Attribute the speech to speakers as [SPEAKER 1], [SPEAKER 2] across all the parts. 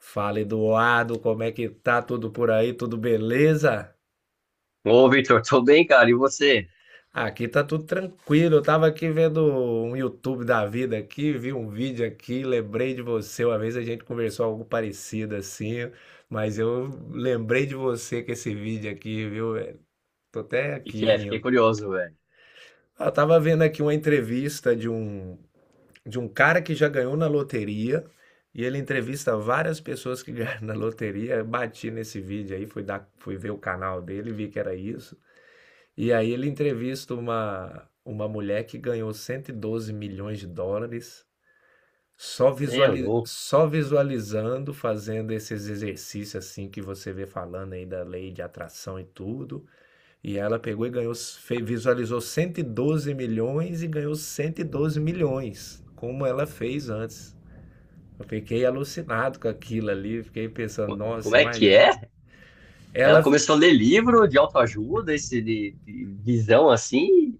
[SPEAKER 1] Fala, Eduardo, como é que tá tudo por aí? Tudo beleza?
[SPEAKER 2] Ô, Victor, tô bem, cara. E você?
[SPEAKER 1] Aqui tá tudo tranquilo. Eu tava aqui vendo um YouTube da vida aqui, vi um vídeo aqui, lembrei de você. Uma vez a gente conversou algo parecido assim, mas eu lembrei de você com esse vídeo aqui, viu, velho? Tô até
[SPEAKER 2] O que
[SPEAKER 1] aqui
[SPEAKER 2] que é? Fiquei
[SPEAKER 1] rindo.
[SPEAKER 2] curioso, velho.
[SPEAKER 1] Eu tava vendo aqui uma entrevista de um cara que já ganhou na loteria e ele entrevista várias pessoas que ganharam na loteria. Eu bati nesse vídeo aí, fui, dar, fui ver o canal dele, vi que era isso. E aí ele entrevista uma mulher que ganhou 112 milhões de dólares só,
[SPEAKER 2] Você é
[SPEAKER 1] visuali
[SPEAKER 2] louco.
[SPEAKER 1] só visualizando, fazendo esses exercícios assim que você vê falando aí da lei de atração e tudo. E ela pegou e ganhou, visualizou 112 milhões e ganhou 112 milhões, como ela fez antes. Eu fiquei alucinado com aquilo ali, fiquei pensando,
[SPEAKER 2] Como
[SPEAKER 1] nossa,
[SPEAKER 2] é que
[SPEAKER 1] imagina.
[SPEAKER 2] é? Ela
[SPEAKER 1] Ela
[SPEAKER 2] começou a ler livro de autoajuda, esse de visão assim,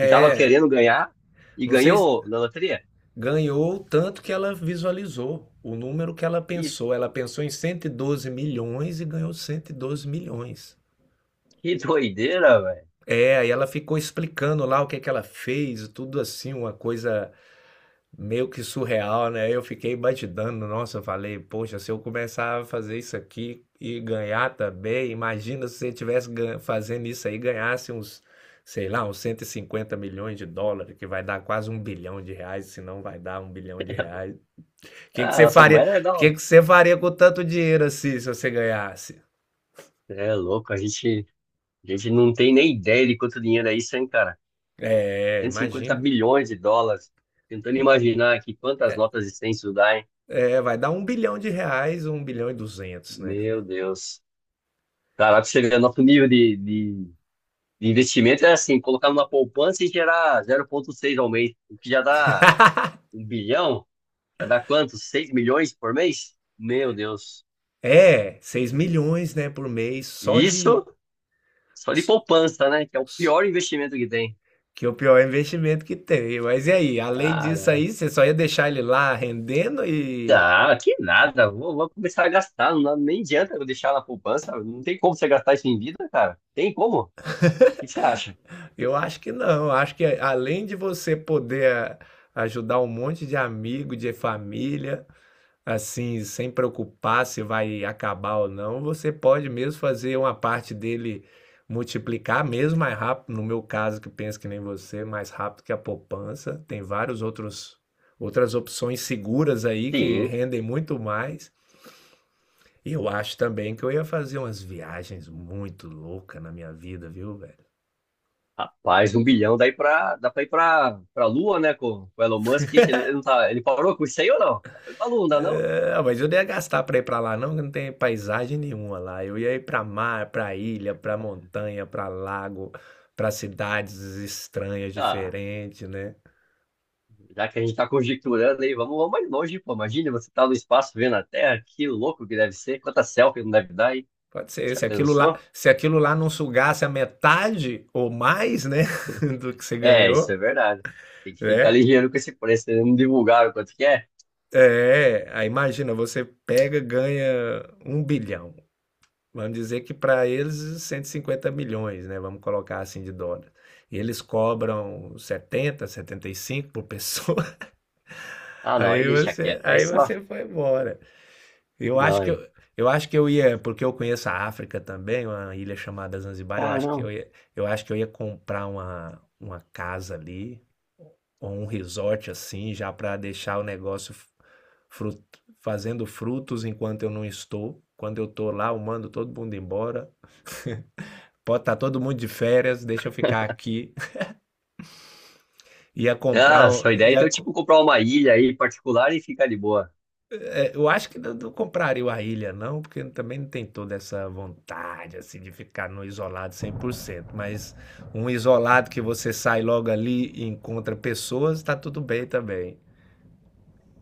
[SPEAKER 2] que tava querendo ganhar e
[SPEAKER 1] não sei, se
[SPEAKER 2] ganhou na loteria.
[SPEAKER 1] ganhou o tanto que ela visualizou, o número que ela
[SPEAKER 2] Que,
[SPEAKER 1] pensou. Ela pensou em 112 milhões e ganhou 112 milhões.
[SPEAKER 2] que doideira, velho.
[SPEAKER 1] É, aí ela ficou explicando lá o que é que ela fez, tudo assim, uma coisa meio que surreal, né? Eu fiquei batidando, nossa, eu falei, poxa, se eu começar a fazer isso aqui e ganhar também, imagina se você tivesse fazendo isso aí, e ganhasse uns, sei lá, uns 150 milhões de dólares, que vai dar quase 1 bilhão de reais, se não vai dar um bilhão de reais. O que que
[SPEAKER 2] Ah,
[SPEAKER 1] você
[SPEAKER 2] nossa
[SPEAKER 1] faria?
[SPEAKER 2] mãe é
[SPEAKER 1] O que
[SPEAKER 2] legal.
[SPEAKER 1] que você faria com tanto dinheiro assim, se você ganhasse?
[SPEAKER 2] Você é louco, a gente não tem nem ideia de quanto dinheiro é isso, hein, cara?
[SPEAKER 1] É,
[SPEAKER 2] cento e cinquenta
[SPEAKER 1] imagina.
[SPEAKER 2] bilhões de dólares. Tentando imaginar aqui quantas notas de 100 isso dá, hein?
[SPEAKER 1] É, vai dar 1 bilhão de reais, 1 bilhão e 200, né?
[SPEAKER 2] Meu Deus. Caraca, chega nosso nível de investimento é assim, colocar numa poupança e gerar 0,6 ao mês, o que já dá um bilhão, já dá quanto? 6 milhões por mês? Meu Deus.
[SPEAKER 1] É, 6 milhões, né, por mês, só
[SPEAKER 2] E isso
[SPEAKER 1] de,
[SPEAKER 2] só de poupança, né? Que é o pior investimento que tem.
[SPEAKER 1] que o pior é o investimento que tem. Mas e aí? Além disso
[SPEAKER 2] Cara,
[SPEAKER 1] aí, você só ia deixar ele lá rendendo e
[SPEAKER 2] dá, que nada. Vou começar a gastar. Não, nem adianta eu deixar na poupança. Não tem como você gastar isso em vida, cara. Tem como? O que você acha?
[SPEAKER 1] eu acho que não. Eu acho que além de você poder ajudar um monte de amigo, de família, assim, sem preocupar se vai acabar ou não, você pode mesmo fazer uma parte dele multiplicar mesmo mais rápido. No meu caso, que penso que nem você, mais rápido que a poupança. Tem vários outros outras opções seguras aí que
[SPEAKER 2] Sim.
[SPEAKER 1] rendem muito mais. E eu acho também que eu ia fazer umas viagens muito loucas na minha vida, viu, velho?
[SPEAKER 2] Rapaz, um bilhão daí dá pra ir pra Lua, né? Com o Elon Musk, que ele não tá, ele parou com isso aí ou não? Dá pra ir pra Lua, não dá não?
[SPEAKER 1] É, mas eu não ia gastar pra ir pra lá, não, que não tem paisagem nenhuma lá. Eu ia ir pra mar, pra ilha, pra montanha, pra lago, pra cidades estranhas,
[SPEAKER 2] Ah,
[SPEAKER 1] diferentes, né?
[SPEAKER 2] já que a gente tá conjecturando aí, vamos mais longe, pô. Imagina você tá no espaço vendo a Terra, que louco que deve ser, quanta selfie não deve dar aí.
[SPEAKER 1] Pode ser,
[SPEAKER 2] Já
[SPEAKER 1] se aquilo lá,
[SPEAKER 2] pensou?
[SPEAKER 1] se aquilo lá não sugasse a metade ou mais, né, do que você
[SPEAKER 2] É, isso
[SPEAKER 1] ganhou,
[SPEAKER 2] é verdade. Tem que ficar
[SPEAKER 1] né?
[SPEAKER 2] ligeiro com esse preço, eles não divulgaram quanto que é.
[SPEAKER 1] É, aí imagina, você pega, ganha 1 bilhão. Vamos dizer que para eles 150 milhões, né? Vamos colocar assim de dólar. E eles cobram 70, 75 por pessoa.
[SPEAKER 2] Ah, não, aí deixa quieto, aí
[SPEAKER 1] Aí
[SPEAKER 2] só.
[SPEAKER 1] você foi embora. Eu
[SPEAKER 2] Não,
[SPEAKER 1] acho que
[SPEAKER 2] aí.
[SPEAKER 1] eu acho que eu ia, porque eu conheço a África também, uma ilha chamada Zanzibar, eu
[SPEAKER 2] Ah,
[SPEAKER 1] acho que eu
[SPEAKER 2] não.
[SPEAKER 1] ia, eu acho que eu ia comprar uma casa ali ou um resort assim, já para deixar o negócio frut- fazendo frutos enquanto eu não estou. Quando eu estou lá, eu mando todo mundo embora. Pode estar todo mundo de férias, deixa eu ficar aqui. Ia comprar.
[SPEAKER 2] Ah,
[SPEAKER 1] Um-
[SPEAKER 2] sua ideia
[SPEAKER 1] ia
[SPEAKER 2] então é então,
[SPEAKER 1] co-
[SPEAKER 2] tipo comprar uma ilha aí particular e ficar de boa.
[SPEAKER 1] é, eu acho que não, não compraria a ilha, não, porque também não tem toda essa vontade assim de ficar no isolado 100%. Mas um isolado que você sai logo ali e encontra pessoas, tá tudo bem também.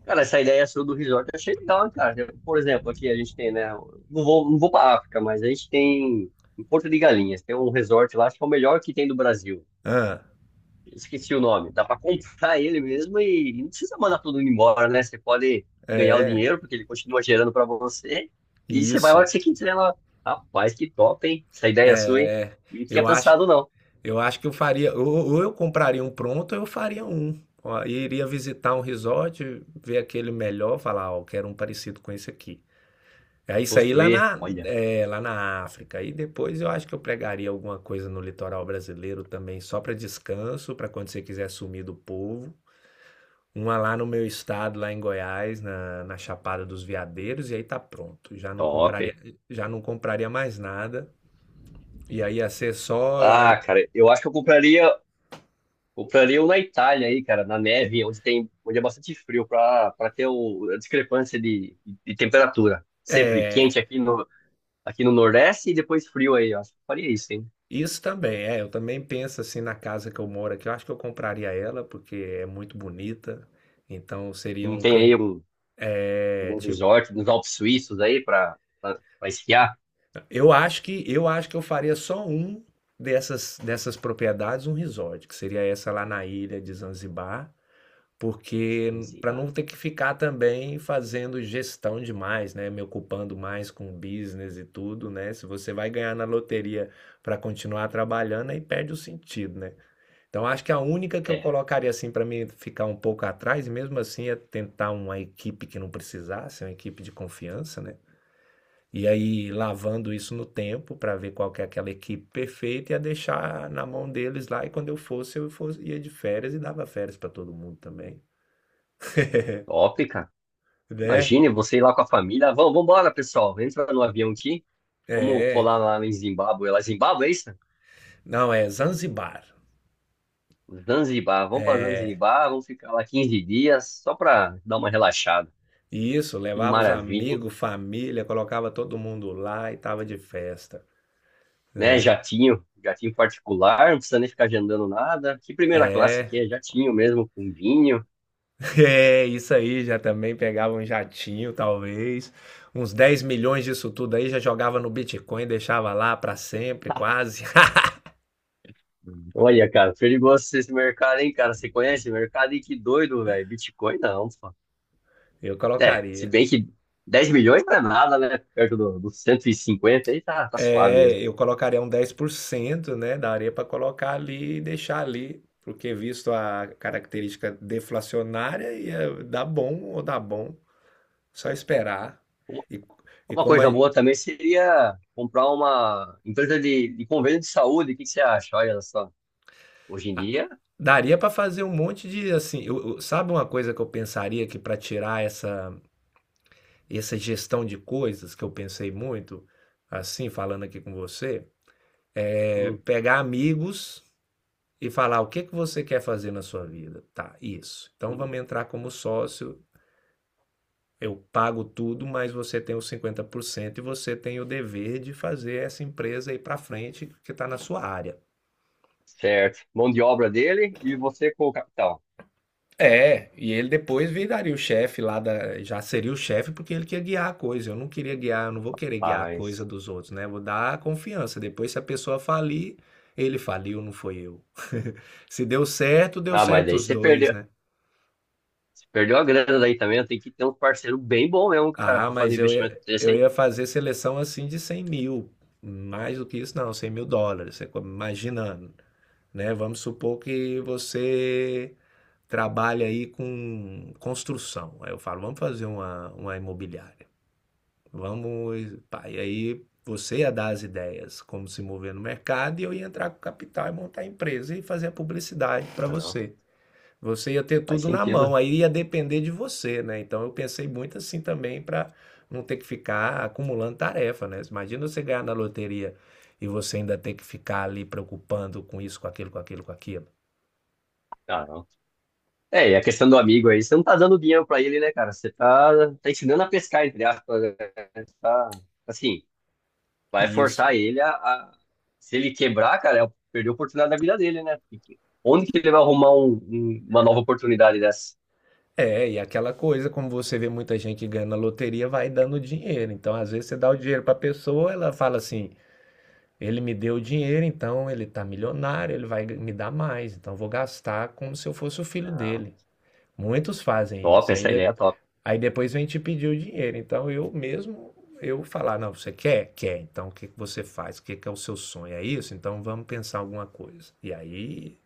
[SPEAKER 2] Cara, essa ideia sua do resort eu achei legal, hein, cara. Por exemplo, aqui a gente tem, né? Não vou para África, mas a gente tem em Porto de Galinhas, tem um resort lá, acho que é o melhor que tem do Brasil.
[SPEAKER 1] Ah,
[SPEAKER 2] Esqueci o nome. Dá para comprar ele mesmo e não precisa mandar tudo embora, né? Você pode ganhar o
[SPEAKER 1] é,
[SPEAKER 2] dinheiro, porque ele continua gerando para você. E você vai a hora
[SPEAKER 1] isso.
[SPEAKER 2] que você quiser lá. Rapaz, que top, hein? Essa ideia sua, hein?
[SPEAKER 1] É,
[SPEAKER 2] Não tinha
[SPEAKER 1] eu acho,
[SPEAKER 2] pensado, não.
[SPEAKER 1] eu acho que eu faria. Ou eu compraria um pronto, ou eu faria um. Ó, e iria visitar um resort, ver aquele melhor, falar, ó, quero um parecido com esse aqui. É isso aí saí lá
[SPEAKER 2] Construir,
[SPEAKER 1] na,
[SPEAKER 2] olha,
[SPEAKER 1] é, lá na África. E depois eu acho que eu pregaria alguma coisa no litoral brasileiro também, só para descanso, para quando você quiser sumir do povo. Uma lá no meu estado, lá em Goiás, na, na Chapada dos Veadeiros, e aí tá pronto.
[SPEAKER 2] top.
[SPEAKER 1] Já não compraria mais nada. E aí ia ser só.
[SPEAKER 2] Ah, cara, eu acho que eu compraria um na Itália aí, cara, na neve, onde é bastante frio, para ter a discrepância de temperatura. Sempre
[SPEAKER 1] É,
[SPEAKER 2] quente aqui no Nordeste e depois frio aí. Eu acho que eu faria isso, hein?
[SPEAKER 1] isso também, é. Eu também penso assim na casa que eu moro aqui. Eu acho que eu compraria ela, porque é muito bonita. Então seria
[SPEAKER 2] Não
[SPEAKER 1] um
[SPEAKER 2] tem aí
[SPEAKER 1] cantinho.
[SPEAKER 2] algum resort nos Alpes Suíços aí para esquiar?
[SPEAKER 1] Eu acho que eu faria só um dessas propriedades, um resort, que seria essa lá na ilha de Zanzibar,
[SPEAKER 2] Não
[SPEAKER 1] porque
[SPEAKER 2] sei,
[SPEAKER 1] para
[SPEAKER 2] bah.
[SPEAKER 1] não ter que ficar também fazendo gestão demais, né, me ocupando mais com business e tudo, né? Se você vai ganhar na loteria para continuar trabalhando, aí perde o sentido, né? Então acho que a única que eu
[SPEAKER 2] É,
[SPEAKER 1] colocaria assim para mim ficar um pouco atrás, e mesmo assim é tentar uma equipe que não precisasse, uma equipe de confiança, né? E aí lavando isso no tempo para ver qual que é aquela equipe perfeita, ia deixar na mão deles lá e quando eu fosse, ia de férias e dava férias para todo mundo também,
[SPEAKER 2] top, cara.
[SPEAKER 1] né?
[SPEAKER 2] Imagine você ir lá com a família. Vamos, vambora, pessoal. Entra no avião aqui. Vamos
[SPEAKER 1] É,
[SPEAKER 2] colar lá em Zimbábue. É, lá, Zimbábue, é isso?
[SPEAKER 1] não, é Zanzibar.
[SPEAKER 2] Zanzibar, vamos para
[SPEAKER 1] É,
[SPEAKER 2] Zanzibar, vamos ficar lá 15 dias só para dar uma relaxada.
[SPEAKER 1] e isso,
[SPEAKER 2] Que
[SPEAKER 1] levava os
[SPEAKER 2] maravilha, hein?
[SPEAKER 1] amigos, família, colocava todo mundo lá e tava de festa,
[SPEAKER 2] Né?
[SPEAKER 1] né?
[SPEAKER 2] Jatinho, jatinho particular, não precisa nem ficar agendando nada. Que primeira classe
[SPEAKER 1] É,
[SPEAKER 2] que é? Jatinho mesmo, com vinho.
[SPEAKER 1] é, isso aí, já também pegava um jatinho, talvez, uns 10 milhões disso tudo aí, já jogava no Bitcoin, deixava lá pra sempre, quase.
[SPEAKER 2] Hum. Olha, cara, perigoso esse mercado, hein, cara? Você conhece o mercado? E que doido, velho. Bitcoin não, pô.
[SPEAKER 1] Eu
[SPEAKER 2] É, se
[SPEAKER 1] colocaria.
[SPEAKER 2] bem que 10 milhões não é nada, né? Perto dos 150 aí tá suave
[SPEAKER 1] É,
[SPEAKER 2] mesmo.
[SPEAKER 1] eu colocaria um 10%, né? Daria para colocar ali e deixar ali, porque visto a característica deflacionária, ia dar bom ou dar bom, só esperar.
[SPEAKER 2] Uma
[SPEAKER 1] E, e
[SPEAKER 2] uma
[SPEAKER 1] como
[SPEAKER 2] coisa boa também seria comprar uma empresa de convênio de saúde. O que que você acha? Olha só, hoje em
[SPEAKER 1] a-
[SPEAKER 2] dia.
[SPEAKER 1] daria para fazer um monte de assim, sabe uma coisa que eu pensaria que para tirar essa gestão de coisas que eu pensei muito, assim, falando aqui com você, é
[SPEAKER 2] Hum,
[SPEAKER 1] pegar amigos e falar o que que você quer fazer na sua vida. Tá, isso. Então
[SPEAKER 2] hum.
[SPEAKER 1] vamos entrar como sócio. Eu pago tudo, mas você tem os 50% e você tem o dever de fazer essa empresa ir para frente que está na sua área.
[SPEAKER 2] Certo. Mão de obra dele e você com o capital.
[SPEAKER 1] É, e ele depois viraria o chefe lá da. Já seria o chefe porque ele quer guiar a coisa. Eu não queria guiar, eu não vou querer guiar a coisa
[SPEAKER 2] Mas.
[SPEAKER 1] dos outros, né? Vou dar a confiança. Depois, se a pessoa falir, ele faliu, não foi eu. Se deu certo, deu
[SPEAKER 2] Ah, mas
[SPEAKER 1] certo
[SPEAKER 2] daí
[SPEAKER 1] os
[SPEAKER 2] você
[SPEAKER 1] dois,
[SPEAKER 2] perdeu.
[SPEAKER 1] né?
[SPEAKER 2] Você perdeu a grana daí também. Tem que ter um parceiro bem bom mesmo, cara,
[SPEAKER 1] Ah,
[SPEAKER 2] pra fazer
[SPEAKER 1] mas
[SPEAKER 2] investimento desse,
[SPEAKER 1] eu
[SPEAKER 2] hein?
[SPEAKER 1] ia fazer seleção assim de 100 mil. Mais do que isso, não, 100 mil dólares. Imagina, né? Vamos supor que você trabalha aí com construção. Aí eu falo, vamos fazer uma imobiliária. Vamos, pá, e aí você ia dar as ideias, como se mover no mercado, e eu ia entrar com capital e montar a empresa e fazer a publicidade para
[SPEAKER 2] Não,
[SPEAKER 1] você. Você ia ter
[SPEAKER 2] faz
[SPEAKER 1] tudo na mão,
[SPEAKER 2] sentido.
[SPEAKER 1] aí ia depender de você, né? Então eu pensei muito assim também para não ter que ficar acumulando tarefa, né? Imagina você ganhar na loteria e você ainda ter que ficar ali preocupando com isso, com aquilo, com aquilo, com aquilo.
[SPEAKER 2] Ah, não. É, e a questão do amigo aí, você não tá dando dinheiro pra ele, né, cara? Você tá ensinando a pescar, entre aspas, né? Você tá, assim, vai
[SPEAKER 1] Isso.
[SPEAKER 2] forçar ele Se ele quebrar, cara, é perder a oportunidade da vida dele, né? porque Onde que ele vai arrumar uma nova oportunidade dessa?
[SPEAKER 1] É, e aquela coisa, como você vê muita gente ganhando na loteria, vai dando dinheiro. Então, às vezes, você dá o dinheiro para a pessoa, ela fala assim: ele me deu o dinheiro, então ele tá milionário, ele vai me dar mais, então eu vou gastar como se eu fosse o filho
[SPEAKER 2] Não.
[SPEAKER 1] dele. Muitos fazem
[SPEAKER 2] Top,
[SPEAKER 1] isso. E aí,
[SPEAKER 2] essa ideia é top.
[SPEAKER 1] aí depois vem te pedir o dinheiro. Então eu mesmo, eu falar, não, você quer? Quer. Então o que que você faz? O que que é o seu sonho? É isso? Então vamos pensar alguma coisa. E aí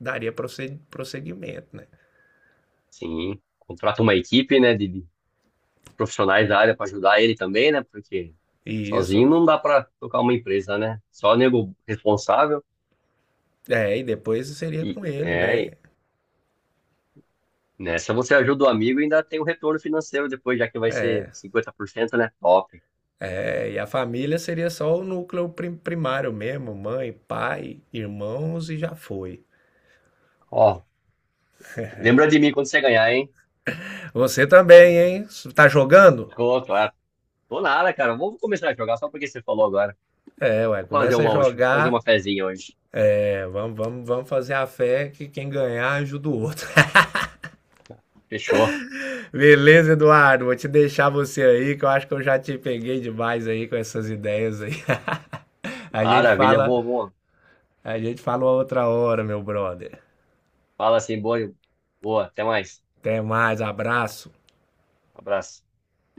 [SPEAKER 1] daria prosseguimento, né?
[SPEAKER 2] Sim, contrata uma equipe, né, de profissionais da área para ajudar ele também, né, porque
[SPEAKER 1] E
[SPEAKER 2] sozinho
[SPEAKER 1] isso,
[SPEAKER 2] não dá para tocar uma empresa, né? Só nego responsável
[SPEAKER 1] é, e depois seria
[SPEAKER 2] e
[SPEAKER 1] com ele,
[SPEAKER 2] é,
[SPEAKER 1] né?
[SPEAKER 2] e nessa você ajuda o amigo e ainda tem o retorno financeiro depois, já que vai ser
[SPEAKER 1] É,
[SPEAKER 2] 50%, né? Top.
[SPEAKER 1] é, e a família seria só o núcleo primário mesmo, mãe, pai, irmãos e já foi.
[SPEAKER 2] Ó, lembra de mim quando você ganhar, hein?
[SPEAKER 1] Você também, hein? Tá jogando?
[SPEAKER 2] Tô, claro. Tô nada, cara. Vou começar a jogar só porque você falou agora.
[SPEAKER 1] É, ué,
[SPEAKER 2] Vou fazer
[SPEAKER 1] começa a
[SPEAKER 2] uma hoje, vou fazer uma
[SPEAKER 1] jogar.
[SPEAKER 2] fezinha hoje.
[SPEAKER 1] É, vamos fazer a fé que quem ganhar ajuda o outro.
[SPEAKER 2] Fechou.
[SPEAKER 1] Beleza, Eduardo? Vou te deixar você aí, que eu acho que eu já te peguei demais aí com essas ideias aí. A gente
[SPEAKER 2] Maravilha,
[SPEAKER 1] fala,
[SPEAKER 2] vou.
[SPEAKER 1] a gente fala outra hora, meu brother.
[SPEAKER 2] Fala assim, boa, boa. Até mais.
[SPEAKER 1] Até mais, abraço.
[SPEAKER 2] Abraço.